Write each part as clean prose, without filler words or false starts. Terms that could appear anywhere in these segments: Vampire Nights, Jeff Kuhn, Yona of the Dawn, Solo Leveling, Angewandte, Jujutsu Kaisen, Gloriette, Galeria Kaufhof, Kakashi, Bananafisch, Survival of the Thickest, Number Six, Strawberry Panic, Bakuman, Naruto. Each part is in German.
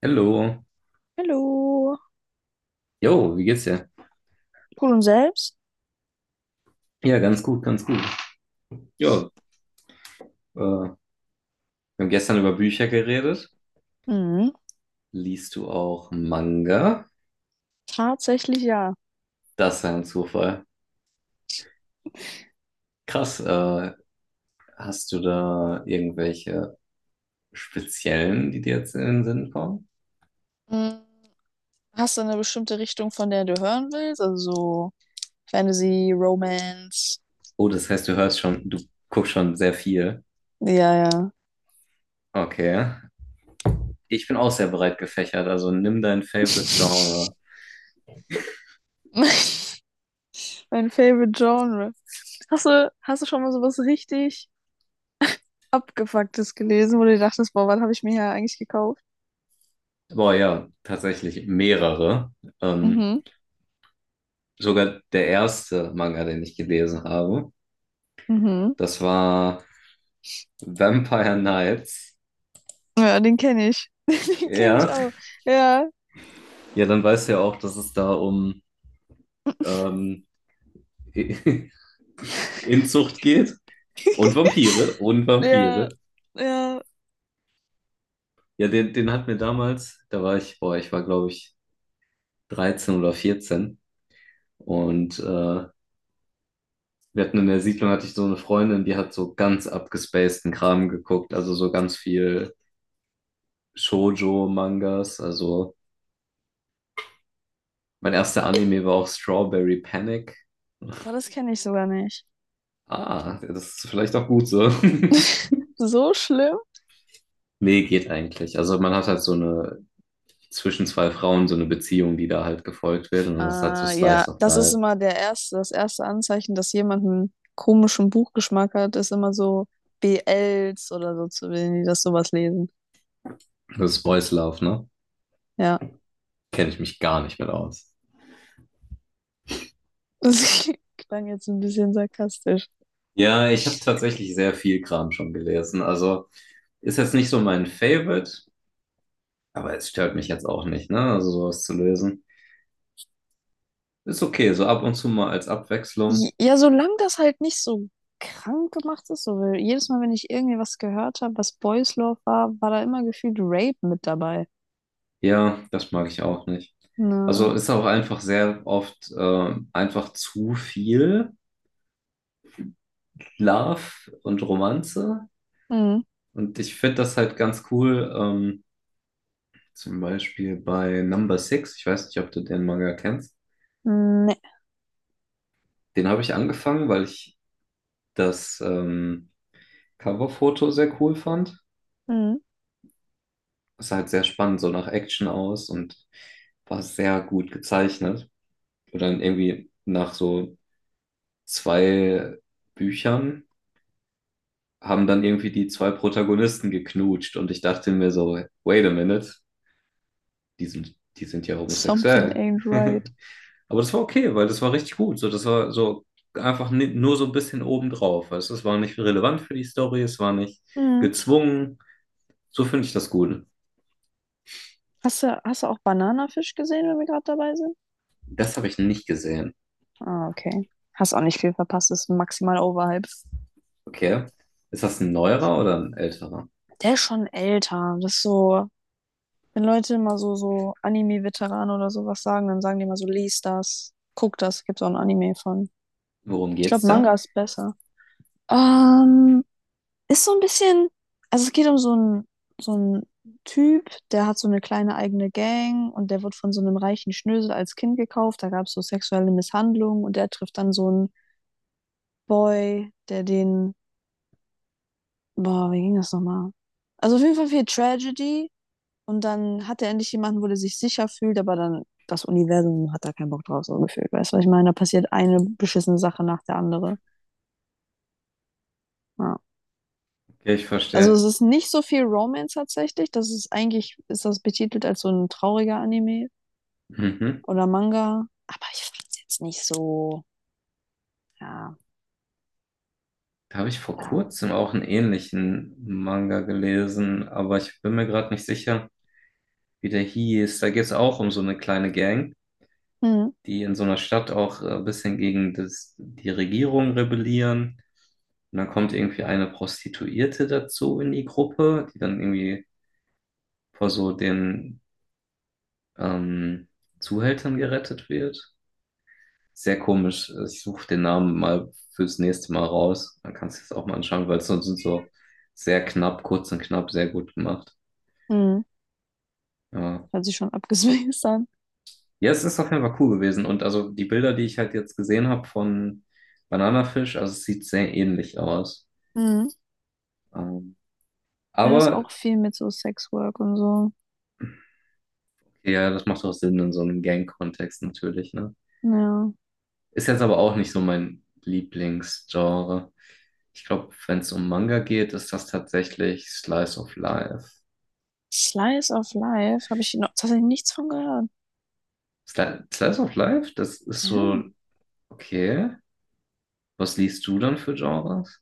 Hallo. Hallo. Jo, wie geht's dir? Gut und selbst? Ja, ganz gut, ganz gut. Ja, wir haben gestern über Bücher geredet. Mhm. Liest du auch Manga? Tatsächlich ja. Das war ein Zufall. Krass, hast du da irgendwelche speziellen, die dir jetzt in den Sinn kommen? Mm, Hast du eine bestimmte Richtung, von der du hören willst? Also so Fantasy, Romance. Oh, das heißt, du hörst schon, du guckst schon sehr viel. Ja, ja. Okay. Ich bin auch sehr breit gefächert, also nimm dein Favorite Genre. Mein Favorite Genre. Hast du schon mal sowas richtig Abgefucktes gelesen, wo du dir dachtest, boah, was habe ich mir hier eigentlich gekauft? Boah, ja, tatsächlich mehrere. Ähm, Mhm. sogar der erste Manga, den ich gelesen habe. Mhm. Das war Vampire Nights. Ja, den kenne ich. Den kenne ich Ja. auch. Ja, Ja, dann weißt du ja auch, dass es da um ähm, Inzucht geht. Und Vampire. Und ja, Vampire. ja. Ja, den hat mir damals, da war ich, boah, ich war glaube ich 13 oder 14. Und wir hatten in der Siedlung, hatte ich so eine Freundin, die hat so ganz abgespaceden Kram geguckt. Also so ganz viel Shoujo-Mangas. Also mein erster Anime war auch Strawberry Panic. Boah, das kenne ich sogar nicht. Ah, das ist vielleicht auch gut so. So schlimm? Nee, geht eigentlich. Also man hat halt so eine zwischen zwei Frauen so eine Beziehung, die da halt gefolgt wird. Und das ist halt so Ja, Slice of das ist Life. immer das erste Anzeichen, dass jemand einen komischen Buchgeschmack hat, ist immer so BLs oder so, zu- wenn die das sowas lesen. Das ist Boys Love, ne? Ja, Kenne ich mich gar nicht mit aus. das klang jetzt ein bisschen sarkastisch. Ja, ich habe tatsächlich sehr viel Kram schon gelesen. Also ist jetzt nicht so mein Favorite, aber es stört mich jetzt auch nicht, ne? Also sowas zu lesen. Ist okay, so ab und zu mal als Abwechslung. Ja, solange das halt nicht so krank gemacht ist, so weil jedes Mal, wenn ich irgendwie was gehört habe, was Boys Love war, war da immer gefühlt Rape mit dabei. Ja, das mag ich auch nicht. Also Na, ist auch einfach sehr oft einfach zu viel. Love und Romanze. mm, Und ich finde das halt ganz cool, zum Beispiel bei Number Six. Ich weiß nicht, ob du den Manga kennst. ne, Den habe ich angefangen, weil ich das Coverfoto sehr cool fand. mm, Es sah halt sehr spannend, so nach Action aus und war sehr gut gezeichnet. Und dann irgendwie nach so zwei Büchern haben dann irgendwie die zwei Protagonisten geknutscht und ich dachte mir so, wait a minute, die sind ja something homosexuell. ain't right. Aber das war okay, weil das war richtig gut. So, das war so einfach nur so ein bisschen obendrauf. Weißt du? Es war nicht relevant für die Story, es war nicht Mm. gezwungen. So finde ich das gut. Hast du auch Bananafisch gesehen, wenn wir gerade dabei sind? Das habe ich nicht gesehen. Ah, okay. Hast auch nicht viel verpasst, ist maximal overhyped. Okay. Ist das ein neuerer oder ein älterer? Der ist schon älter. Das ist so, wenn Leute immer so, so Anime-Veteranen oder sowas sagen, dann sagen die immer so, lies das, guck das, gibt's auch ein Anime von. Worum Ich geht's glaube, Manga da? ist besser. Ähm, ist so ein bisschen, also es geht um so einen Typ, der hat so eine kleine eigene Gang und der wird von so einem reichen Schnösel als Kind gekauft. Da gab es so sexuelle Misshandlungen und der trifft dann so einen Boy, der den. Boah, wie ging das nochmal? Also auf jeden Fall viel Tragedy und dann hat er endlich jemanden, wo er sich sicher fühlt, aber dann das Universum hat da keinen Bock drauf, so gefühlt. Weißt du, was ich meine? Da passiert eine beschissene Sache nach der andere. Ja. Okay, ich Also verstehe. es ist nicht so viel Romance tatsächlich. Das ist eigentlich, ist das betitelt als so ein trauriger Anime Mhm. oder Manga. Aber ich fand es jetzt nicht so, ja, Da habe ich vor ja. kurzem auch einen ähnlichen Manga gelesen, aber ich bin mir gerade nicht sicher, wie der hieß. Da geht es auch um so eine kleine Gang, Mhm. die in so einer Stadt auch ein bisschen gegen die Regierung rebellieren. Und dann kommt irgendwie eine Prostituierte dazu in die Gruppe, die dann irgendwie vor so den ähm, Zuhältern gerettet wird. Sehr komisch. Ich suche den Namen mal fürs nächste Mal raus. Dann kannst du es auch mal anschauen, weil es sonst sind so sehr knapp, kurz und knapp, sehr gut gemacht. Mhm. Ja. Hört sich schon abgespaced an. Ja, es ist auf jeden Fall cool gewesen. Und also die Bilder, die ich halt jetzt gesehen habe von Bananafisch, also es sieht sehr ähnlich aus. Mhm. Ähm, Ja, das ist aber auch viel mit so Sexwork und so. okay, ja, das macht auch Sinn in so einem Gang-Kontext natürlich, ne? Ja. Ist jetzt aber auch nicht so mein Lieblingsgenre. Ich glaube, wenn es um Manga geht, ist das tatsächlich Slice of Life. Slice of Life habe ich noch tatsächlich nichts von gehört. Sli Slice of Life? Das ist so, Ja. okay. Was liest du dann für Genres?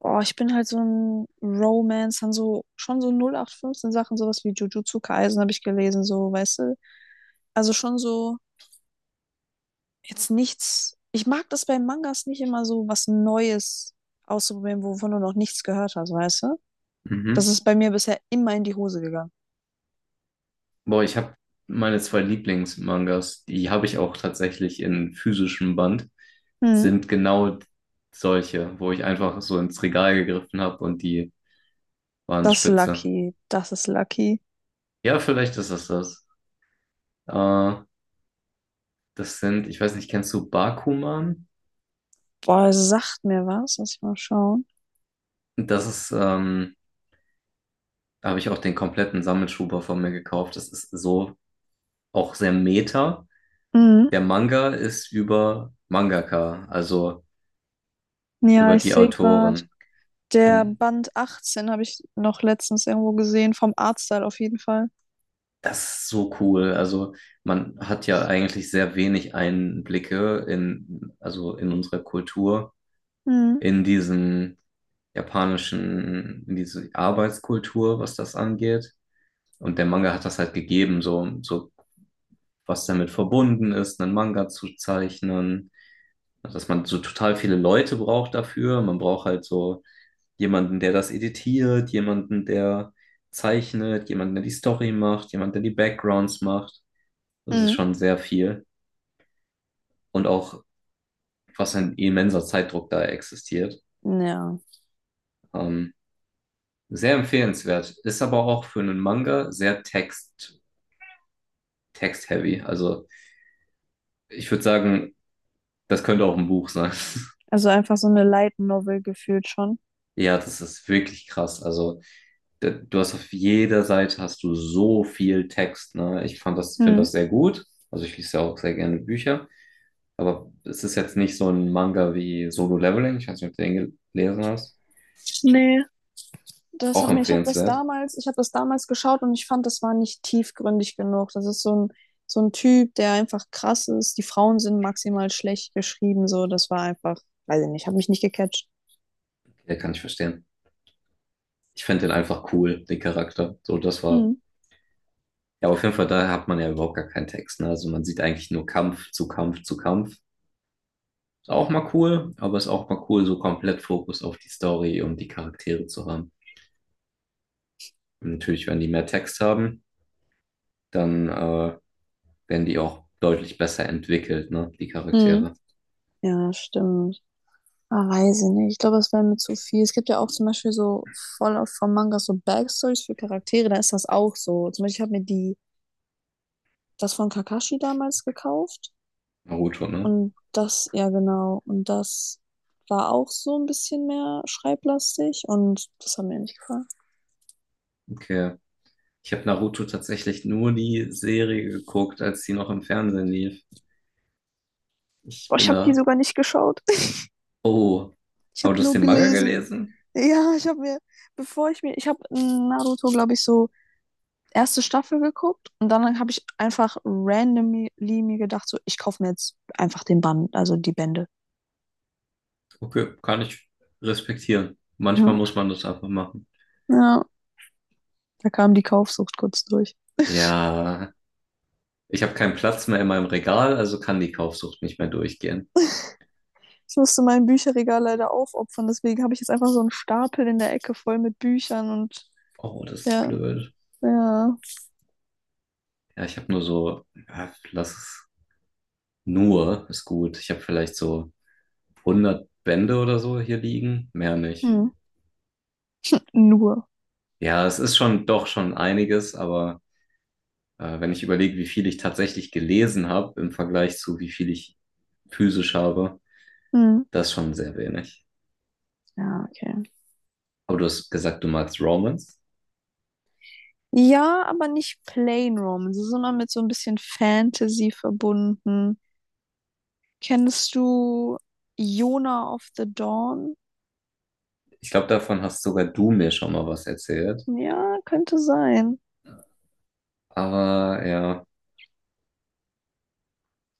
Boah, ich bin halt so ein Romance, dann so schon so 08/15 Sachen, sowas wie Jujutsu Kaisen habe ich gelesen, so, weißt du? Also schon so jetzt nichts. Ich mag das bei Mangas nicht immer so was Neues auszuprobieren, wovon du noch nichts gehört hast, weißt du? Mhm. Das ist bei mir bisher immer in die Hose gegangen. Boah, ich habe meine zwei Lieblingsmangas, die habe ich auch tatsächlich in physischem Band, Hm. sind genau solche, wo ich einfach so ins Regal gegriffen habe und die waren Das ist spitze. Lucky, das ist Lucky. Ja, vielleicht ist es das. Äh, das sind, ich weiß nicht, kennst du Bakuman? Boah, es sagt mir was, lass ich mal schauen. Das ist, da habe ich auch den kompletten Sammelschuber von mir gekauft. Das ist so auch sehr meta. Mhm. Der Manga ist über Mangaka, also Ja, über ich die sehe gerade. Autoren. Der Und Band 18 habe ich noch letztens irgendwo gesehen, vom Artstyle auf jeden Fall. das ist so cool. Also man hat ja eigentlich sehr wenig Einblicke in, also in unsere Kultur Hm. in diesem japanischen, in diese Arbeitskultur, was das angeht. Und der Manga hat das halt gegeben, so, so was damit verbunden ist, einen Manga zu zeichnen, dass man so total viele Leute braucht dafür. Man braucht halt so jemanden, der das editiert, jemanden, der zeichnet, jemanden, der die Story macht, jemanden, der die Backgrounds macht. Das ist Hm. schon sehr viel. Und auch, was ein immenser Zeitdruck da existiert. Ja. Ähm, Sehr empfehlenswert. Ist aber auch für einen Manga sehr text-heavy. Also ich würde sagen, das könnte auch ein Buch sein. Also einfach so eine Light Novel gefühlt schon. Ja, das ist wirklich krass. Also du hast auf jeder Seite hast du so viel Text. Ne? Ich fand das, finde Hm. das sehr gut. Also ich lese ja auch sehr gerne Bücher. Aber es ist jetzt nicht so ein Manga wie Solo Leveling. Ich weiß nicht, ob du den gelesen hast. Nee, das Auch hat mir, ich habe das empfehlenswert. damals, ich habe das damals geschaut und ich fand, das war nicht tiefgründig genug. Das ist so ein Typ, der einfach krass ist. Die Frauen sind maximal schlecht geschrieben, so. Das war einfach, weiß ich nicht, habe mich nicht gecatcht. Ja, kann ich verstehen. Ich finde den einfach cool, den Charakter. So, das war. Hm. Ja, auf jeden Fall, da hat man ja überhaupt gar keinen Text. Ne? Also man sieht eigentlich nur Kampf zu Kampf zu Kampf. Ist auch mal cool, aber ist auch mal cool, so komplett Fokus auf die Story und die Charaktere zu haben. Und natürlich, wenn die mehr Text haben, dann werden die auch deutlich besser entwickelt, ne? Die Hm. Charaktere. Ja, stimmt. Ah, weiß ich nicht. Ich glaube, das wäre mir zu viel. Es gibt ja auch zum Beispiel so voll oft von Mangas so Backstories für Charaktere, da ist das auch so. Zum Beispiel, ich habe mir die, das von Kakashi damals gekauft. Naruto, ne? Und das, ja genau, und das war auch so ein bisschen mehr schreiblastig und das hat mir nicht gefallen. Okay. Ich habe Naruto tatsächlich nur die Serie geguckt, als sie noch im Fernsehen lief. Ich Boah, ich bin habe die da. sogar nicht geschaut. Oh. Ich Aber habe du hast nur den Manga gelesen. gelesen? Ja, ich habe mir, bevor ich mir, ich habe Naruto, glaube ich, so erste Staffel geguckt und dann habe ich einfach randomly mir gedacht, so, ich kaufe mir jetzt einfach den Band, also die Bände. Okay, kann ich respektieren. Manchmal Ja, muss man das einfach machen. ja, da kam die Kaufsucht kurz durch. Ja, ich habe keinen Platz mehr in meinem Regal, also kann die Kaufsucht nicht mehr durchgehen. Ich musste mein Bücherregal leider aufopfern, deswegen habe ich jetzt einfach so einen Stapel in der Ecke voll mit Büchern und Oh, das ist ja, blöd. ja, Ja, ich habe nur so, ja, lass es nur, ist gut. Ich habe vielleicht so 100 Bände oder so hier liegen, mehr nicht. hm. Nur. Ja, es ist schon doch schon einiges, aber wenn ich überlege, wie viel ich tatsächlich gelesen habe im Vergleich zu wie viel ich physisch habe, Hm. das ist schon sehr wenig. Ja, okay. Aber du hast gesagt, du magst Romans. Ja, aber nicht Plain Romance, sondern mit so ein bisschen Fantasy verbunden. Kennst du Yona of the Dawn? Ich glaube, davon hast sogar du mir schon mal was erzählt. Ja, könnte sein. Aber ja.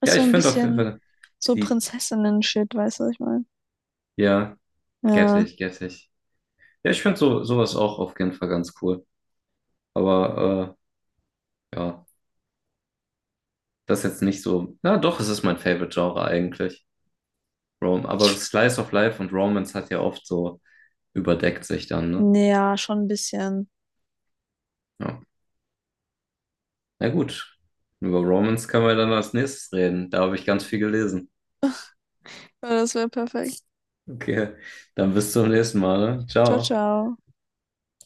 Ist Ja, ich so ein finde auf jeden bisschen Fall so die, Prinzessinnen-Shit, weißt du, was ich meine? ja, get Ja. ich, get ich. Ja, ich finde so, sowas auch auf jeden Fall ganz cool. Aber ja, das ist jetzt nicht so. Na doch, es ist mein Favorite-Genre eigentlich. Rom. Aber Ich- Slice of Life und Romance hat ja oft so überdeckt sich dann, ne? Ja, schon ein bisschen. Ja. Na gut. Über Romance können wir dann als nächstes reden. Da habe ich ganz viel gelesen. Ja, das wäre perfekt. Okay, dann bis zum nächsten Mal, ne? Ciao, Ciao. ciao.